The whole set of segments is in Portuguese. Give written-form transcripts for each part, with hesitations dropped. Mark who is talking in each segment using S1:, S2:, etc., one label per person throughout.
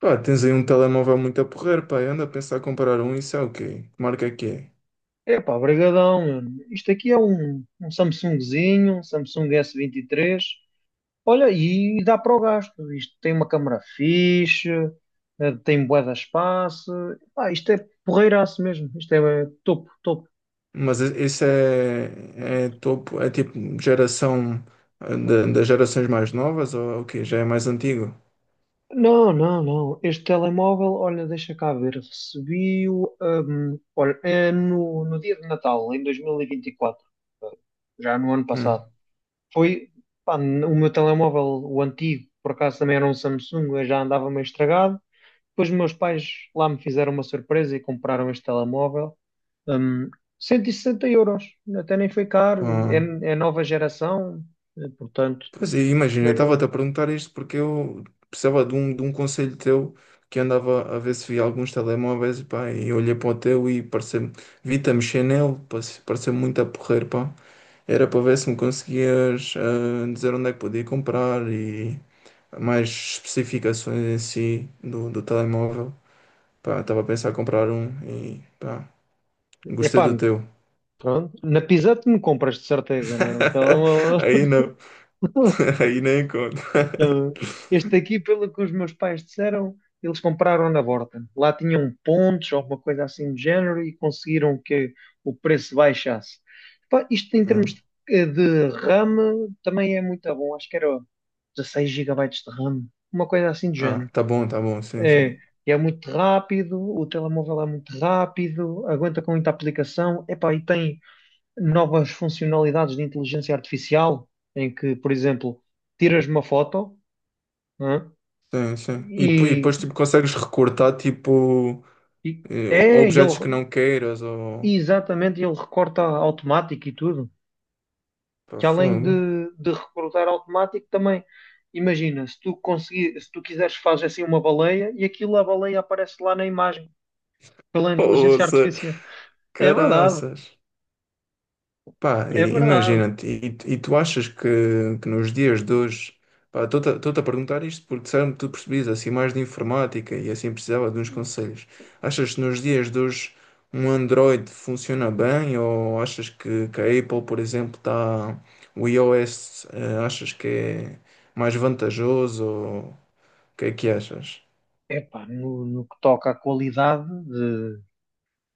S1: Pá, tens aí um telemóvel muito a porrer, pá. Eu ando a pensar em comprar um, isso é o quê? Que marca é que é?
S2: Epá, brigadão, mano. Isto aqui é um Samsungzinho, um Samsung S23. Olha, e dá para o gasto. Isto tem uma câmara fixe, tem bué de espaço. Epá, isto é porreiraço mesmo. Isto é topo, topo.
S1: Mas esse é topo, é tipo geração das gerações mais novas ou o quê? Já é mais antigo?
S2: Não, não, não. Este telemóvel, olha, deixa cá ver. Recebi-o, olha, é no dia de Natal, em 2024. Já no ano
S1: Hum,
S2: passado. Foi, pá, o meu telemóvel, o antigo, por acaso também era um Samsung, eu já andava meio estragado. Depois meus pais lá me fizeram uma surpresa e compraram este telemóvel. Hum, 160 euros, até nem foi caro, e é,
S1: pá.
S2: é nova geração, portanto,
S1: Pois é, imagina,
S2: não,
S1: eu
S2: é,
S1: estava-te a
S2: não,
S1: perguntar isto porque eu precisava de um conselho teu que andava a ver se via alguns telemóveis, pá, e olhei para o teu e parece, vi-te a mexer nele, parece muito a porrer, pá. Era para ver se me conseguias dizer onde é que podia comprar e mais especificações em si do telemóvel. Pá, estava a pensar em comprar um e pá, gostei
S2: epá,
S1: do teu.
S2: pronto, na Pisa me compras de certeza, né? Um telemóvel.
S1: Aí não, aí nem conta.
S2: Não. Este aqui, pelo que os meus pais disseram, eles compraram na Borta. Lá tinham pontos, alguma coisa assim do género, e conseguiram que o preço baixasse. Pá, isto em
S1: Ah,
S2: termos de RAM também é muito bom. Acho que era 16 gigabytes de RAM, uma coisa assim do
S1: ah,
S2: género.
S1: tá bom, sim,
S2: É,
S1: sim.
S2: é muito rápido, o telemóvel é muito rápido, aguenta com muita aplicação. Epá, e tem novas funcionalidades de inteligência artificial, em que, por exemplo, tiras uma foto. Hã?
S1: Sim, sim. E, e
S2: E,
S1: depois tipo, consegues recortar tipo
S2: e- é, e
S1: objetos que
S2: ele,
S1: não queiras ou
S2: exatamente, ele recorta automático e tudo.
S1: pá,
S2: Que além
S1: fogo.
S2: de recortar automático, também, imagina, se tu quiseres, fazes assim uma baleia e aquilo, a baleia aparece lá na imagem, pela inteligência
S1: Poça,
S2: artificial. É verdade,
S1: caraças. Pá,
S2: é verdade.
S1: imagina-te, e tu achas que nos dias de hoje, pá, estou-te a perguntar isto porque disseram-me que tu percebias assim mais de informática e assim precisava de uns conselhos. Achas que nos dias de hoje um Android funciona bem ou achas que a Apple, por exemplo, está, o iOS, achas que é mais vantajoso ou o que é que achas?
S2: Epá, no que toca à qualidade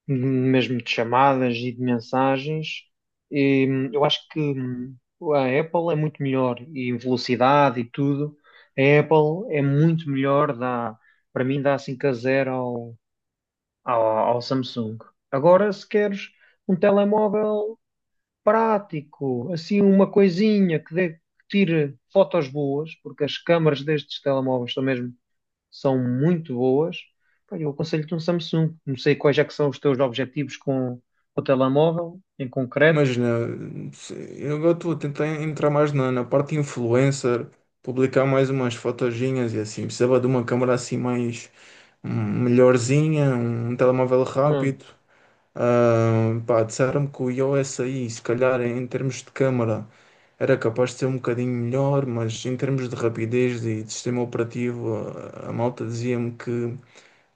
S2: mesmo de chamadas e de mensagens. Eu acho que a Apple é muito melhor e em velocidade e tudo. A Apple é muito melhor, para mim dá 5-0 ao, ao Samsung. Agora, se queres um telemóvel prático, assim uma coisinha que tire fotos boas, porque as câmaras destes telemóveis são muito boas, pá, eu aconselho-te um Samsung. Não sei quais é que são os teus objetivos com o telemóvel, em concreto.
S1: Imagina, eu agora estou a tentar entrar mais na parte influencer, publicar mais umas fotoginhas e assim. Precisava de uma câmera assim mais hum, melhorzinha, um telemóvel
S2: Hum.
S1: rápido. Ah, pá, disseram-me que o iOS aí, se calhar em termos de câmera, era capaz de ser um bocadinho melhor, mas em termos de rapidez e de sistema operativo, a malta dizia-me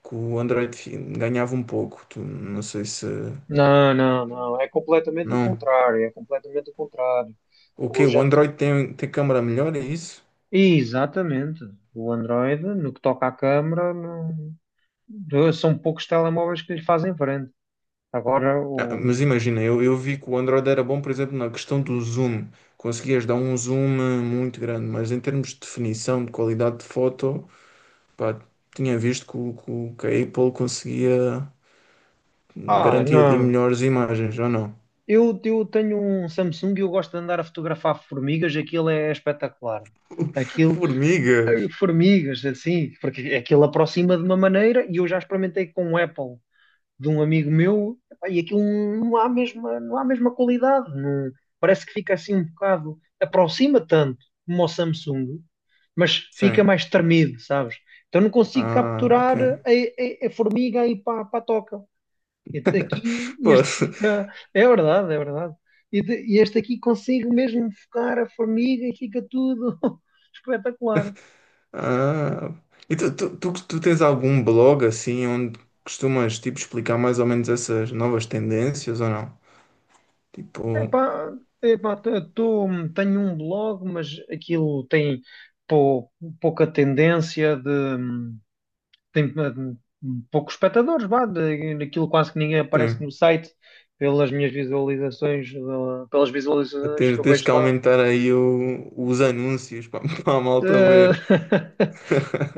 S1: que o Android ganhava um pouco. Tu, não sei se.
S2: Não, não, não. É completamente o
S1: Não.
S2: contrário. É completamente o contrário.
S1: O que?
S2: Hoje
S1: O
S2: ando-
S1: Android tem, tem câmera melhor, é isso?
S2: Exatamente. O Android, no que toca à câmara, são poucos telemóveis que lhe fazem frente. Agora
S1: Ah, mas
S2: o.
S1: imagina, eu vi que o Android era bom, por exemplo, na questão do zoom. Conseguias dar um zoom muito grande, mas em termos de definição, de qualidade de foto, pá, tinha visto que, que a Apple conseguia
S2: Ah,
S1: garantir ali
S2: não.
S1: melhores imagens, ou não?
S2: Eu tenho um Samsung e eu gosto de andar a fotografar formigas. Aquilo é espetacular. Aquilo
S1: Formigas!
S2: Formigas, assim, porque aquilo aproxima de uma maneira e eu já experimentei com o Apple de um amigo meu epá, e aquilo não há a mesma qualidade, parece que fica assim um bocado, aproxima tanto como o Samsung, mas fica
S1: Sim.
S2: mais tremido, sabes? Então não consigo
S1: Ah, ok.
S2: capturar a formiga aí para a toca. Este aqui,
S1: Pô,
S2: este fica, é verdade, é verdade. E este aqui consigo mesmo focar a formiga e fica tudo espetacular.
S1: ah. E tu tens algum blog assim onde costumas tipo explicar mais ou menos essas novas tendências ou não? Tipo,
S2: Epá, epá, tenho um blog, mas aquilo tem pou- pouca tendência de tem poucos espectadores, vá, daquilo quase que ninguém aparece
S1: tem,
S2: no site pelas visualizações que
S1: tens,
S2: eu
S1: tens
S2: vejo
S1: que
S2: lá.
S1: aumentar aí os anúncios para a malta
S2: Eh,
S1: ver.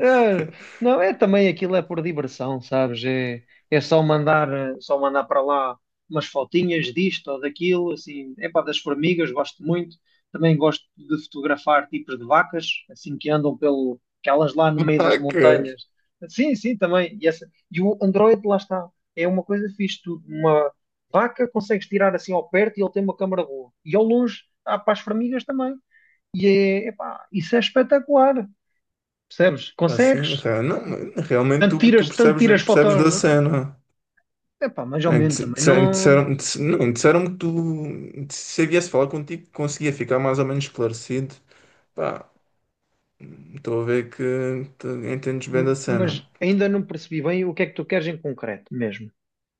S2: eh, não, é também aquilo é por diversão, sabes? É só só mandar para lá umas fotinhas disto ou daquilo, assim, é pá, das formigas, gosto muito. Também gosto de fotografar tipos de vacas, assim que andam pelo, aquelas lá no meio das
S1: Vacas!
S2: montanhas. Sim, sim, também. E o Android, lá está, é uma coisa fixe, tu, uma vaca consegues tirar assim ao perto e ele tem uma câmara boa. E ao longe, há para as formigas também. E é, epá, isso é espetacular, percebes?
S1: Assim,
S2: Consegues,
S1: não, realmente tu
S2: tanto
S1: percebes,
S2: tiras
S1: percebes
S2: fotos,
S1: da cena.
S2: epá, mais ou
S1: É,
S2: menos também, não,
S1: Não, disseram que tu, se eu viesse falar contigo, conseguia ficar mais ou menos esclarecido. Pá, estou a ver que tu entendes bem da cena.
S2: mas ainda não percebi bem o que é que tu queres em concreto mesmo,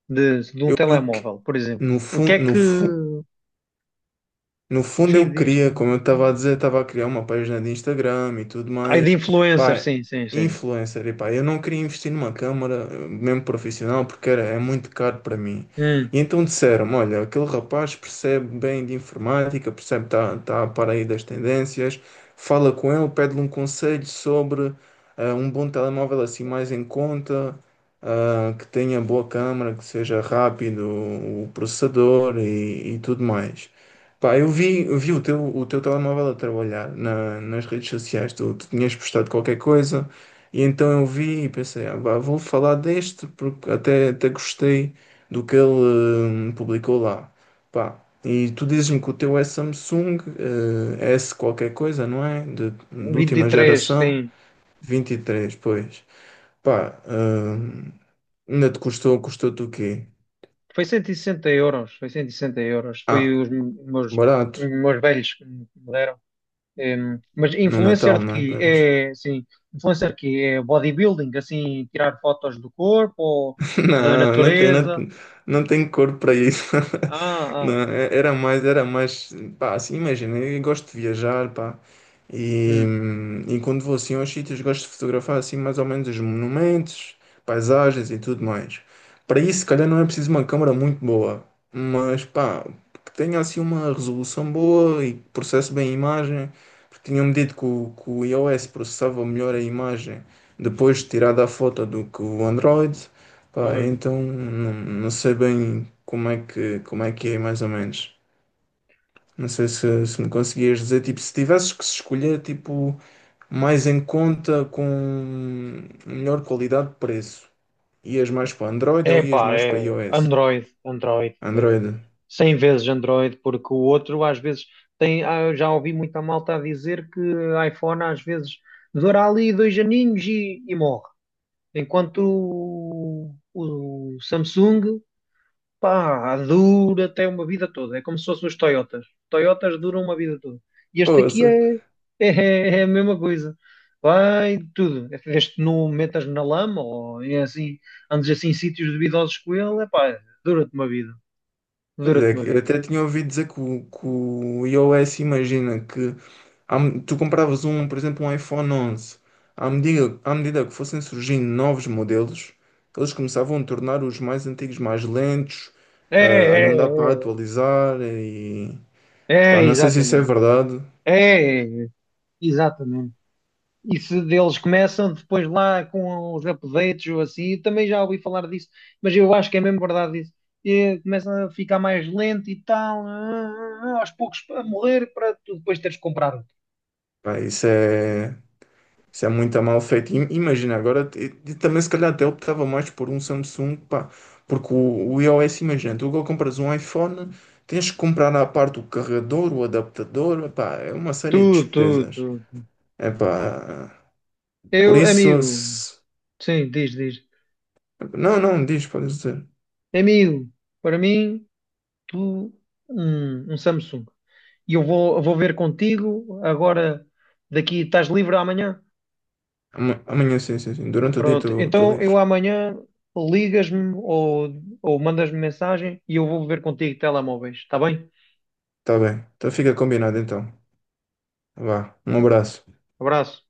S2: de um
S1: Eu que-
S2: telemóvel, por exemplo.
S1: no
S2: O que é
S1: fundo, no,
S2: que,
S1: No fundo,
S2: sim,
S1: eu
S2: diz,
S1: queria, como eu estava a dizer, estava a criar uma página de Instagram e tudo
S2: ai, de
S1: mais.
S2: influencer,
S1: Pá,
S2: sim, sim, sim.
S1: influencer, e pá, eu não queria investir numa câmara, mesmo profissional, porque era, é muito caro para mim.
S2: Hum,
S1: E então disseram-me: olha, aquele rapaz percebe bem de informática, percebe, está tá a par aí das tendências, fala com ele, pede-lhe um conselho sobre um bom telemóvel assim mais em conta. Ah, que tenha boa câmara, que seja rápido o processador e tudo mais. Pá, eu vi o teu telemóvel a trabalhar nas redes sociais, tu tinhas postado qualquer coisa, e então eu vi e pensei, ah, pá, vou falar deste, porque até gostei do que ele publicou lá. Pá, e tu dizes-me que o teu é Samsung, S qualquer coisa, não é? De
S2: vinte e
S1: última
S2: três sim.
S1: geração, 23, pois. Pá, ainda te custou, custou-te o quê?
S2: Foi 160 euros, foi 160 euros, foi
S1: Ah,
S2: os meus,
S1: barato,
S2: meus velhos que me deram. Eh, mas
S1: no
S2: influencer
S1: Natal,
S2: de
S1: não é?
S2: quê?
S1: Pois.
S2: É, sim, influencer de quê? É bodybuilding, assim, tirar fotos do corpo ou da
S1: Não, não tem, não,
S2: natureza?
S1: não tem corpo para isso.
S2: Ah, ah,
S1: Não, era mais, pá, assim, imagina, eu gosto de viajar, pá, e,
S2: hum,
S1: e quando vou assim aos sítios, gosto de fotografar assim mais ou menos os monumentos, paisagens e tudo mais. Para isso, se calhar não é preciso uma câmera muito boa, mas pá, que tenha assim uma resolução boa e que processe bem a imagem, porque tinham-me dito que que o iOS processava melhor a imagem depois de tirada a foto do que o Android. Pá,
S2: pois.
S1: então não, não sei bem como é que é mais ou menos. Não sei se, se me conseguias dizer, tipo, se tivesses que se escolher, tipo, mais em conta com melhor qualidade de preço, ias mais para Android
S2: É
S1: ou ias
S2: pá,
S1: mais para
S2: é
S1: iOS?
S2: Android, Android, é,
S1: Android.
S2: 100 vezes Android, porque o outro às vezes eu já ouvi muita malta a dizer que iPhone às vezes dura ali dois aninhos e morre, enquanto o Samsung, pá, dura até uma vida toda. É como se fossem os Toyotas. Toyotas duram uma vida toda. E este aqui
S1: Ouça.
S2: é, é a mesma coisa. Vai de tudo. Este não metas na lama ou é assim, andes assim em sítios duvidosos com ele. É pá, dura-te uma vida.
S1: Pois
S2: Dura-te
S1: é,
S2: uma
S1: que eu
S2: vida.
S1: até tinha ouvido dizer que que o iOS, imagina que tu compravas um, por exemplo, um iPhone 11, à medida que fossem surgindo novos modelos, eles começavam a tornar os mais antigos mais lentos,
S2: É,
S1: a
S2: é,
S1: não dar para
S2: é.
S1: atualizar e
S2: É,
S1: pá,
S2: é,
S1: não sei se isso é
S2: exatamente.
S1: verdade,
S2: É, é, é. Exatamente. E se deles começam depois lá com os updates ou assim, também já ouvi falar disso, mas eu acho que é mesmo verdade isso. E começam a ficar mais lento e tal, aos poucos a morrer para tu depois teres que comprar outro.
S1: pá, isso é. Isso é muito mal feito. Imagina, agora e também se calhar até optava mais por um Samsung, pá, porque o iOS, imagina, tu agora compras um iPhone, tens que comprar à parte o carregador, o adaptador, pá, é uma série de
S2: Tudo, tudo,
S1: despesas.
S2: tudo.
S1: É pá, por
S2: Eu,
S1: isso,
S2: amigo, sim, diz, diz.
S1: não, não, diz, podes dizer.
S2: Amigo, para mim, tu, um Samsung. E eu vou ver contigo agora, daqui, estás livre amanhã?
S1: Amanhã, sim, sim, sim, durante o dia
S2: Pronto,
S1: estou
S2: então eu
S1: livre.
S2: amanhã ligas-me ou mandas-me mensagem e eu vou ver contigo telemóveis, está bem?
S1: Tá bem, então fica combinado então. Vá, um abraço.
S2: Abraço.